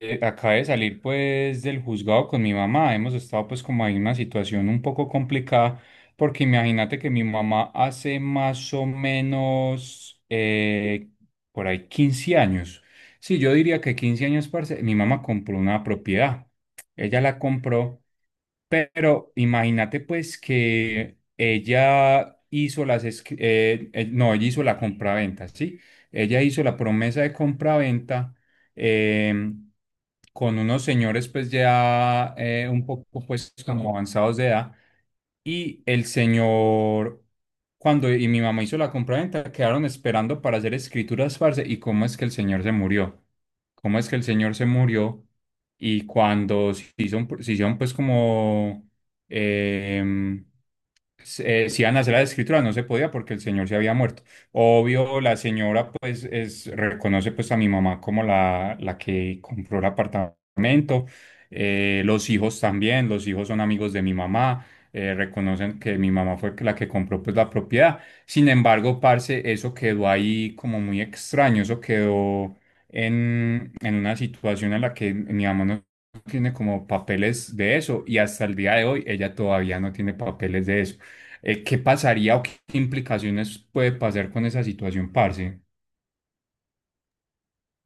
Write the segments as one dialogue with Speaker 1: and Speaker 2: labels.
Speaker 1: Acabé de salir pues del juzgado con mi mamá. Hemos estado pues como en una situación un poco complicada porque imagínate que mi mamá hace más o menos por ahí 15 años. Sí, yo diría que 15 años, parce, mi mamá compró una propiedad. Ella la compró pero imagínate pues que ella hizo las, esc- no, ella hizo la compraventa, ¿sí? Ella hizo la promesa de compraventa em, con unos señores pues ya un poco pues como avanzados de edad y el señor, cuando mi mamá hizo la compraventa, quedaron esperando para hacer escrituras, parce. ¿Y cómo es que el señor se murió? ¿Cómo es que el señor se murió? Y cuando se hicieron, pues como, em, si iban a hacer las escrituras, no se podía porque el señor se había muerto. Obvio, la señora pues es, reconoce pues a mi mamá como la que compró el apartamento. Los hijos también, los hijos son amigos de mi mamá, reconocen que mi mamá fue la que compró pues la propiedad. Sin embargo, parce, eso quedó ahí como muy extraño, eso quedó en una situación en la que mi mamá no tiene como papeles de eso y hasta el día de hoy ella todavía no tiene papeles de eso. ¿Qué pasaría o qué implicaciones puede pasar con esa situación, parce?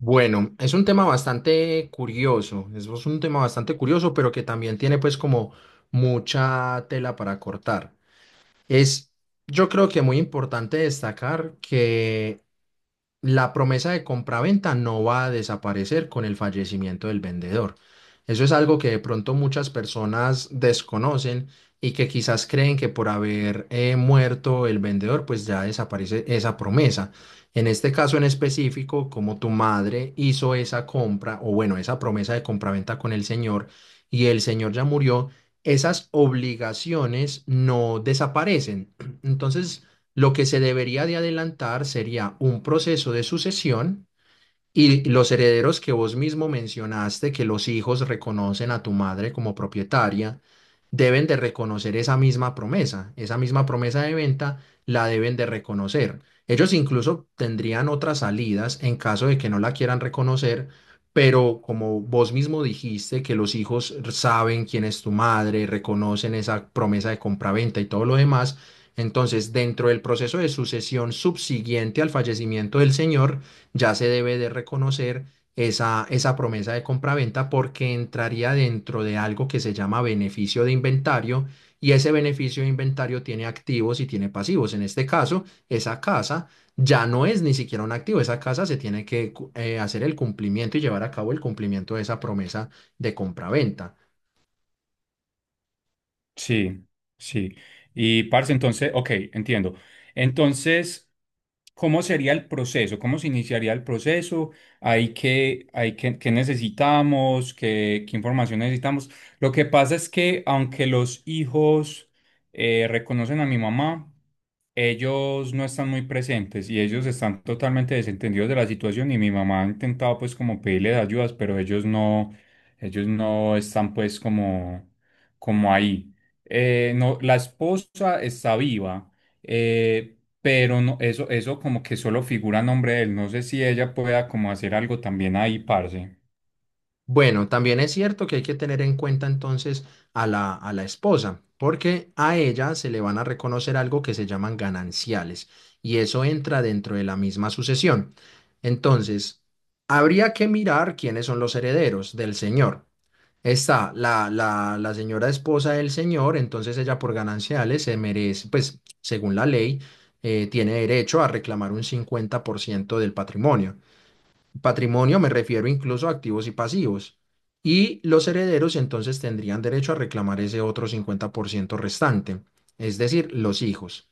Speaker 2: Bueno, es un tema bastante curioso, es un tema bastante curioso, pero que también tiene pues como mucha tela para cortar. Es, yo creo que muy importante destacar que la promesa de compraventa no va a desaparecer con el fallecimiento del vendedor. Eso es algo que de pronto muchas personas desconocen y que quizás creen que por haber muerto el vendedor, pues ya desaparece esa promesa. En este caso en específico, como tu madre hizo esa compra, o bueno, esa promesa de compraventa con el señor y el señor ya murió, esas obligaciones no desaparecen. Entonces, lo que se debería de adelantar sería un proceso de sucesión y los herederos que vos mismo mencionaste, que los hijos reconocen a tu madre como propietaria, deben de reconocer esa misma promesa de venta la deben de reconocer. Ellos incluso tendrían otras salidas en caso de que no la quieran reconocer, pero como vos mismo dijiste, que los hijos saben quién es tu madre, reconocen esa promesa de compraventa y todo lo demás, entonces dentro del proceso de sucesión subsiguiente al fallecimiento del señor, ya se debe de reconocer esa, esa promesa de compraventa porque entraría dentro de algo que se llama beneficio de inventario y ese beneficio de inventario tiene activos y tiene pasivos. En este caso, esa casa ya no es ni siquiera un activo, esa casa se tiene que hacer el cumplimiento y llevar a cabo el cumplimiento de esa promesa de compraventa.
Speaker 1: Sí, sí. Y parce, entonces, ok, entiendo. Entonces... ¿Cómo sería el proceso? ¿Cómo se iniciaría el proceso? ¿ qué necesitamos? ¿ qué información necesitamos? Lo que pasa es que aunque los hijos reconocen a mi mamá, ellos no están muy presentes y ellos están totalmente desentendidos de la situación y mi mamá ha intentado pues como pedirles ayudas, pero ellos no están pues como, como ahí. No, la esposa está viva, pero no, eso como que solo figura a nombre de él. No sé si ella pueda como hacer algo también ahí, parce.
Speaker 2: Bueno, también es cierto que hay que tener en cuenta entonces a la esposa, porque a ella se le van a reconocer algo que se llaman gananciales, y eso entra dentro de la misma sucesión. Entonces, habría que mirar quiénes son los herederos del señor. Está la señora esposa del señor, entonces ella por gananciales se merece, pues según la ley, tiene derecho a reclamar un 50% del patrimonio. Patrimonio me refiero incluso a activos y pasivos. Y los herederos entonces tendrían derecho a reclamar ese otro 50% restante, es decir, los hijos.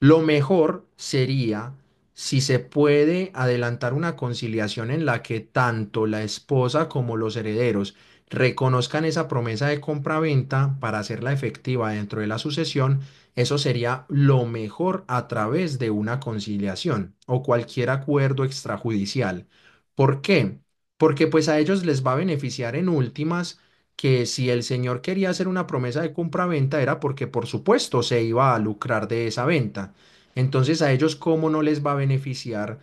Speaker 2: Lo mejor sería si se puede adelantar una conciliación en la que tanto la esposa como los herederos reconozcan esa promesa de compraventa para hacerla efectiva dentro de la sucesión, eso sería lo mejor a través de una conciliación o cualquier acuerdo extrajudicial. ¿Por qué? Porque pues a ellos les va a beneficiar en últimas que si el señor quería hacer una promesa de compra venta era porque por supuesto se iba a lucrar de esa venta. Entonces a ellos cómo no les va a beneficiar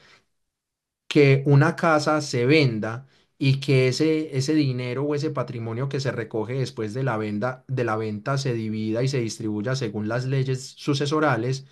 Speaker 2: que una casa se venda y que ese dinero o ese patrimonio que se recoge después de la venda, de la venta se divida y se distribuya según las leyes sucesorales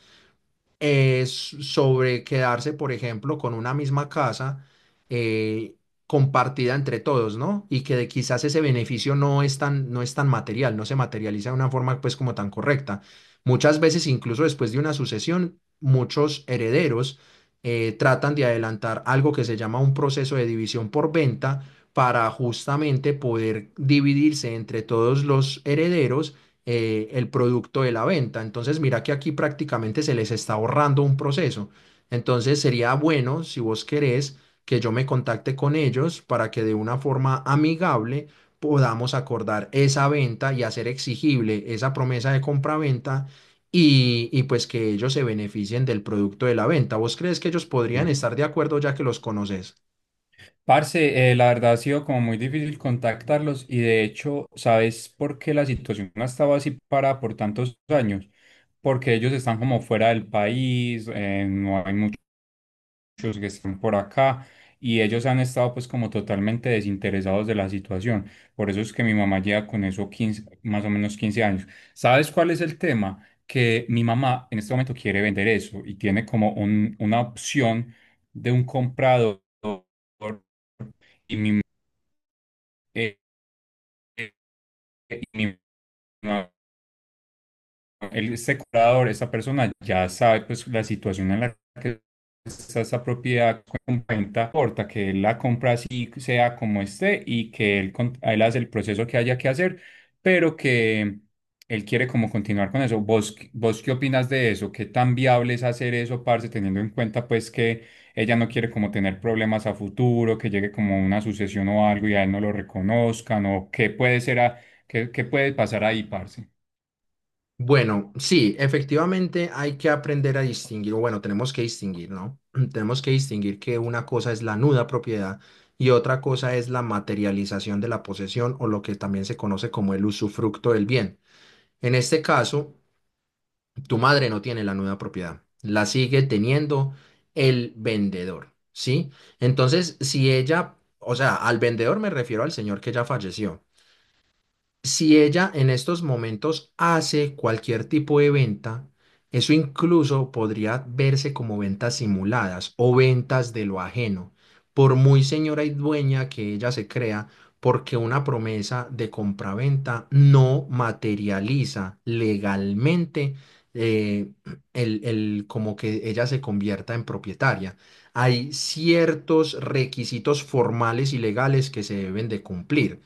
Speaker 2: s- sobre quedarse, por ejemplo, con una misma casa eh, compartida entre todos, ¿no? Y que de- quizás ese beneficio no es tan, no es tan material, no se materializa de una forma pues como tan correcta. Muchas veces, incluso después de una sucesión, muchos herederos tratan de adelantar algo que se llama un proceso de división por venta para justamente poder dividirse entre todos los herederos el producto de la venta. Entonces, mira que aquí prácticamente se les está ahorrando un proceso. Entonces, sería bueno, si vos querés, que yo me contacte con ellos para que de una forma amigable podamos acordar esa venta y hacer exigible esa promesa de compraventa y pues que ellos se beneficien del producto de la venta. ¿Vos crees que ellos podrían
Speaker 1: Sí.
Speaker 2: estar de acuerdo ya que los conoces?
Speaker 1: Parce, la verdad ha sido como muy difícil contactarlos y de hecho, ¿sabes por qué la situación ha estado así para por tantos años? Porque ellos están como fuera del país, no hay muchos que están por acá y ellos han estado pues como totalmente desinteresados de la situación. Por eso es que mi mamá lleva con eso 15 más o menos 15 años. ¿Sabes cuál es el tema? Que mi mamá en este momento quiere vender eso y tiene como una opción de un comprador y mi eh, eh, y mi mamá el, este curador, esta persona ya sabe pues la situación en la que está esa propiedad con venta, importa que él la compra así sea como esté y que él hace el proceso que haya que hacer, pero que él quiere como continuar con eso. ¿ vos qué opinas de eso? ¿Qué tan viable es hacer eso, parce, teniendo en cuenta pues que ella no quiere como tener problemas a futuro, que llegue como una sucesión o algo y a él no lo reconozcan o qué puede ser a- qué, qué puede pasar ahí, parce?
Speaker 2: Bueno, sí, efectivamente hay que aprender a distinguir, o bueno, tenemos que distinguir, ¿no? Tenemos que distinguir que una cosa es la nuda propiedad y otra cosa es la materialización de la posesión o lo que también se conoce como el usufructo del bien. En este caso, tu madre no tiene la nuda propiedad, la sigue teniendo el vendedor, ¿sí? Entonces, si ella, o sea, al vendedor me refiero al señor que ya falleció. Si ella en estos momentos hace cualquier tipo de venta, eso incluso podría verse como ventas simuladas o ventas de lo ajeno, por muy señora y dueña que ella se crea, porque una promesa de compraventa no materializa legalmente eh, el- como que ella se convierta en propietaria. Hay ciertos requisitos formales y legales que se deben de cumplir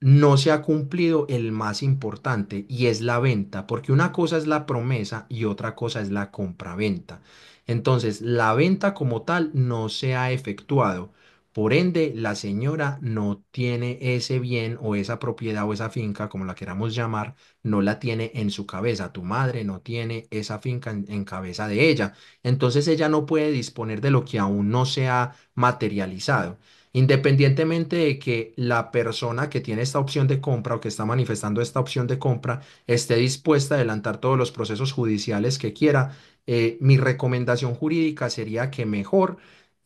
Speaker 2: no se ha cumplido el más importante y es la venta, porque una cosa es la promesa y otra cosa es la compraventa. Entonces, la venta como tal no se ha efectuado. Por ende, la señora no tiene ese bien o esa propiedad o esa finca, como la queramos llamar, no la tiene en su cabeza. Tu madre no tiene esa finca en cabeza de ella. Entonces, ella no puede disponer de lo que aún no se ha materializado. Independientemente de que la persona que tiene esta opción de compra o que está manifestando esta opción de compra esté dispuesta a adelantar todos los procesos judiciales que quiera, mi recomendación jurídica sería que mejor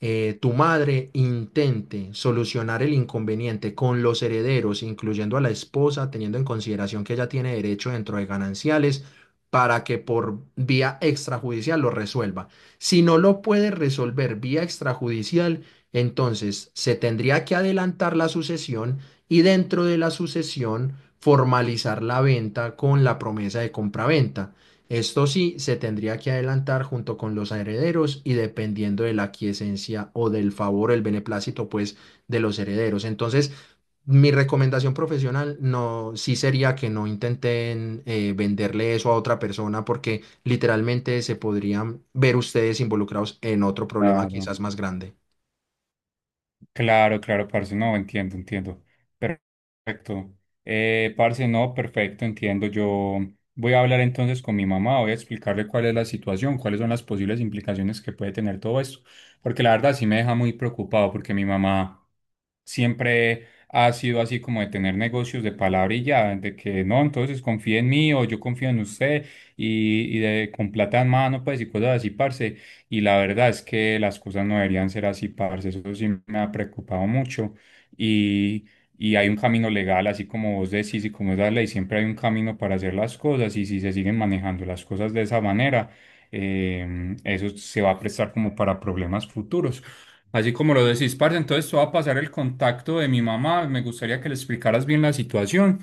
Speaker 2: tu madre intente solucionar el inconveniente con los herederos, incluyendo a la esposa, teniendo en consideración que ella tiene derecho dentro de gananciales para que por vía extrajudicial lo resuelva. Si no lo puede resolver vía extrajudicial, entonces, se tendría que adelantar la sucesión y dentro de la sucesión formalizar la venta con la promesa de compraventa. Esto sí, se tendría que adelantar junto con los herederos y dependiendo de la aquiescencia o del favor, el beneplácito, pues, de los herederos. Entonces, mi recomendación profesional no, sí sería que no intenten venderle eso a otra persona porque literalmente se podrían ver ustedes involucrados en otro problema
Speaker 1: Claro.
Speaker 2: quizás más grande.
Speaker 1: Claro, claro, parce, no, entiendo, entiendo. Perfecto. Parce, no, perfecto, entiendo. Yo voy a hablar entonces con mi mamá, voy a explicarle cuál es la situación, cuáles son las posibles implicaciones que puede tener todo esto, porque la verdad sí me deja muy preocupado, porque mi mamá siempre ha sido así como de tener negocios de palabra y ya, de que no, entonces confíe en mí o yo confío en usted y de, con plata en mano, pues y cosas así, parce. Y la verdad es que las cosas no deberían ser así, parce. Eso sí me ha preocupado mucho. Y, y hay un camino legal, así como vos decís y como es la ley, siempre hay un camino para hacer las cosas. Y si se siguen manejando las cosas de esa manera, eh, eso se va a prestar como para problemas futuros. Así como lo decís, parce, entonces te voy a pasar el contacto de mi mamá. Me gustaría que le explicaras bien la situación.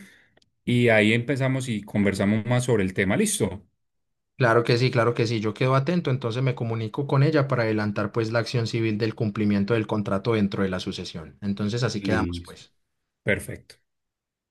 Speaker 1: Y ahí empezamos y conversamos más sobre el tema. ¿Listo?
Speaker 2: Claro que sí, claro que sí. Yo quedo atento, entonces me comunico con ella para adelantar pues la acción civil del cumplimiento del contrato dentro de la sucesión. Entonces así quedamos
Speaker 1: Listo.
Speaker 2: pues.
Speaker 1: Perfecto.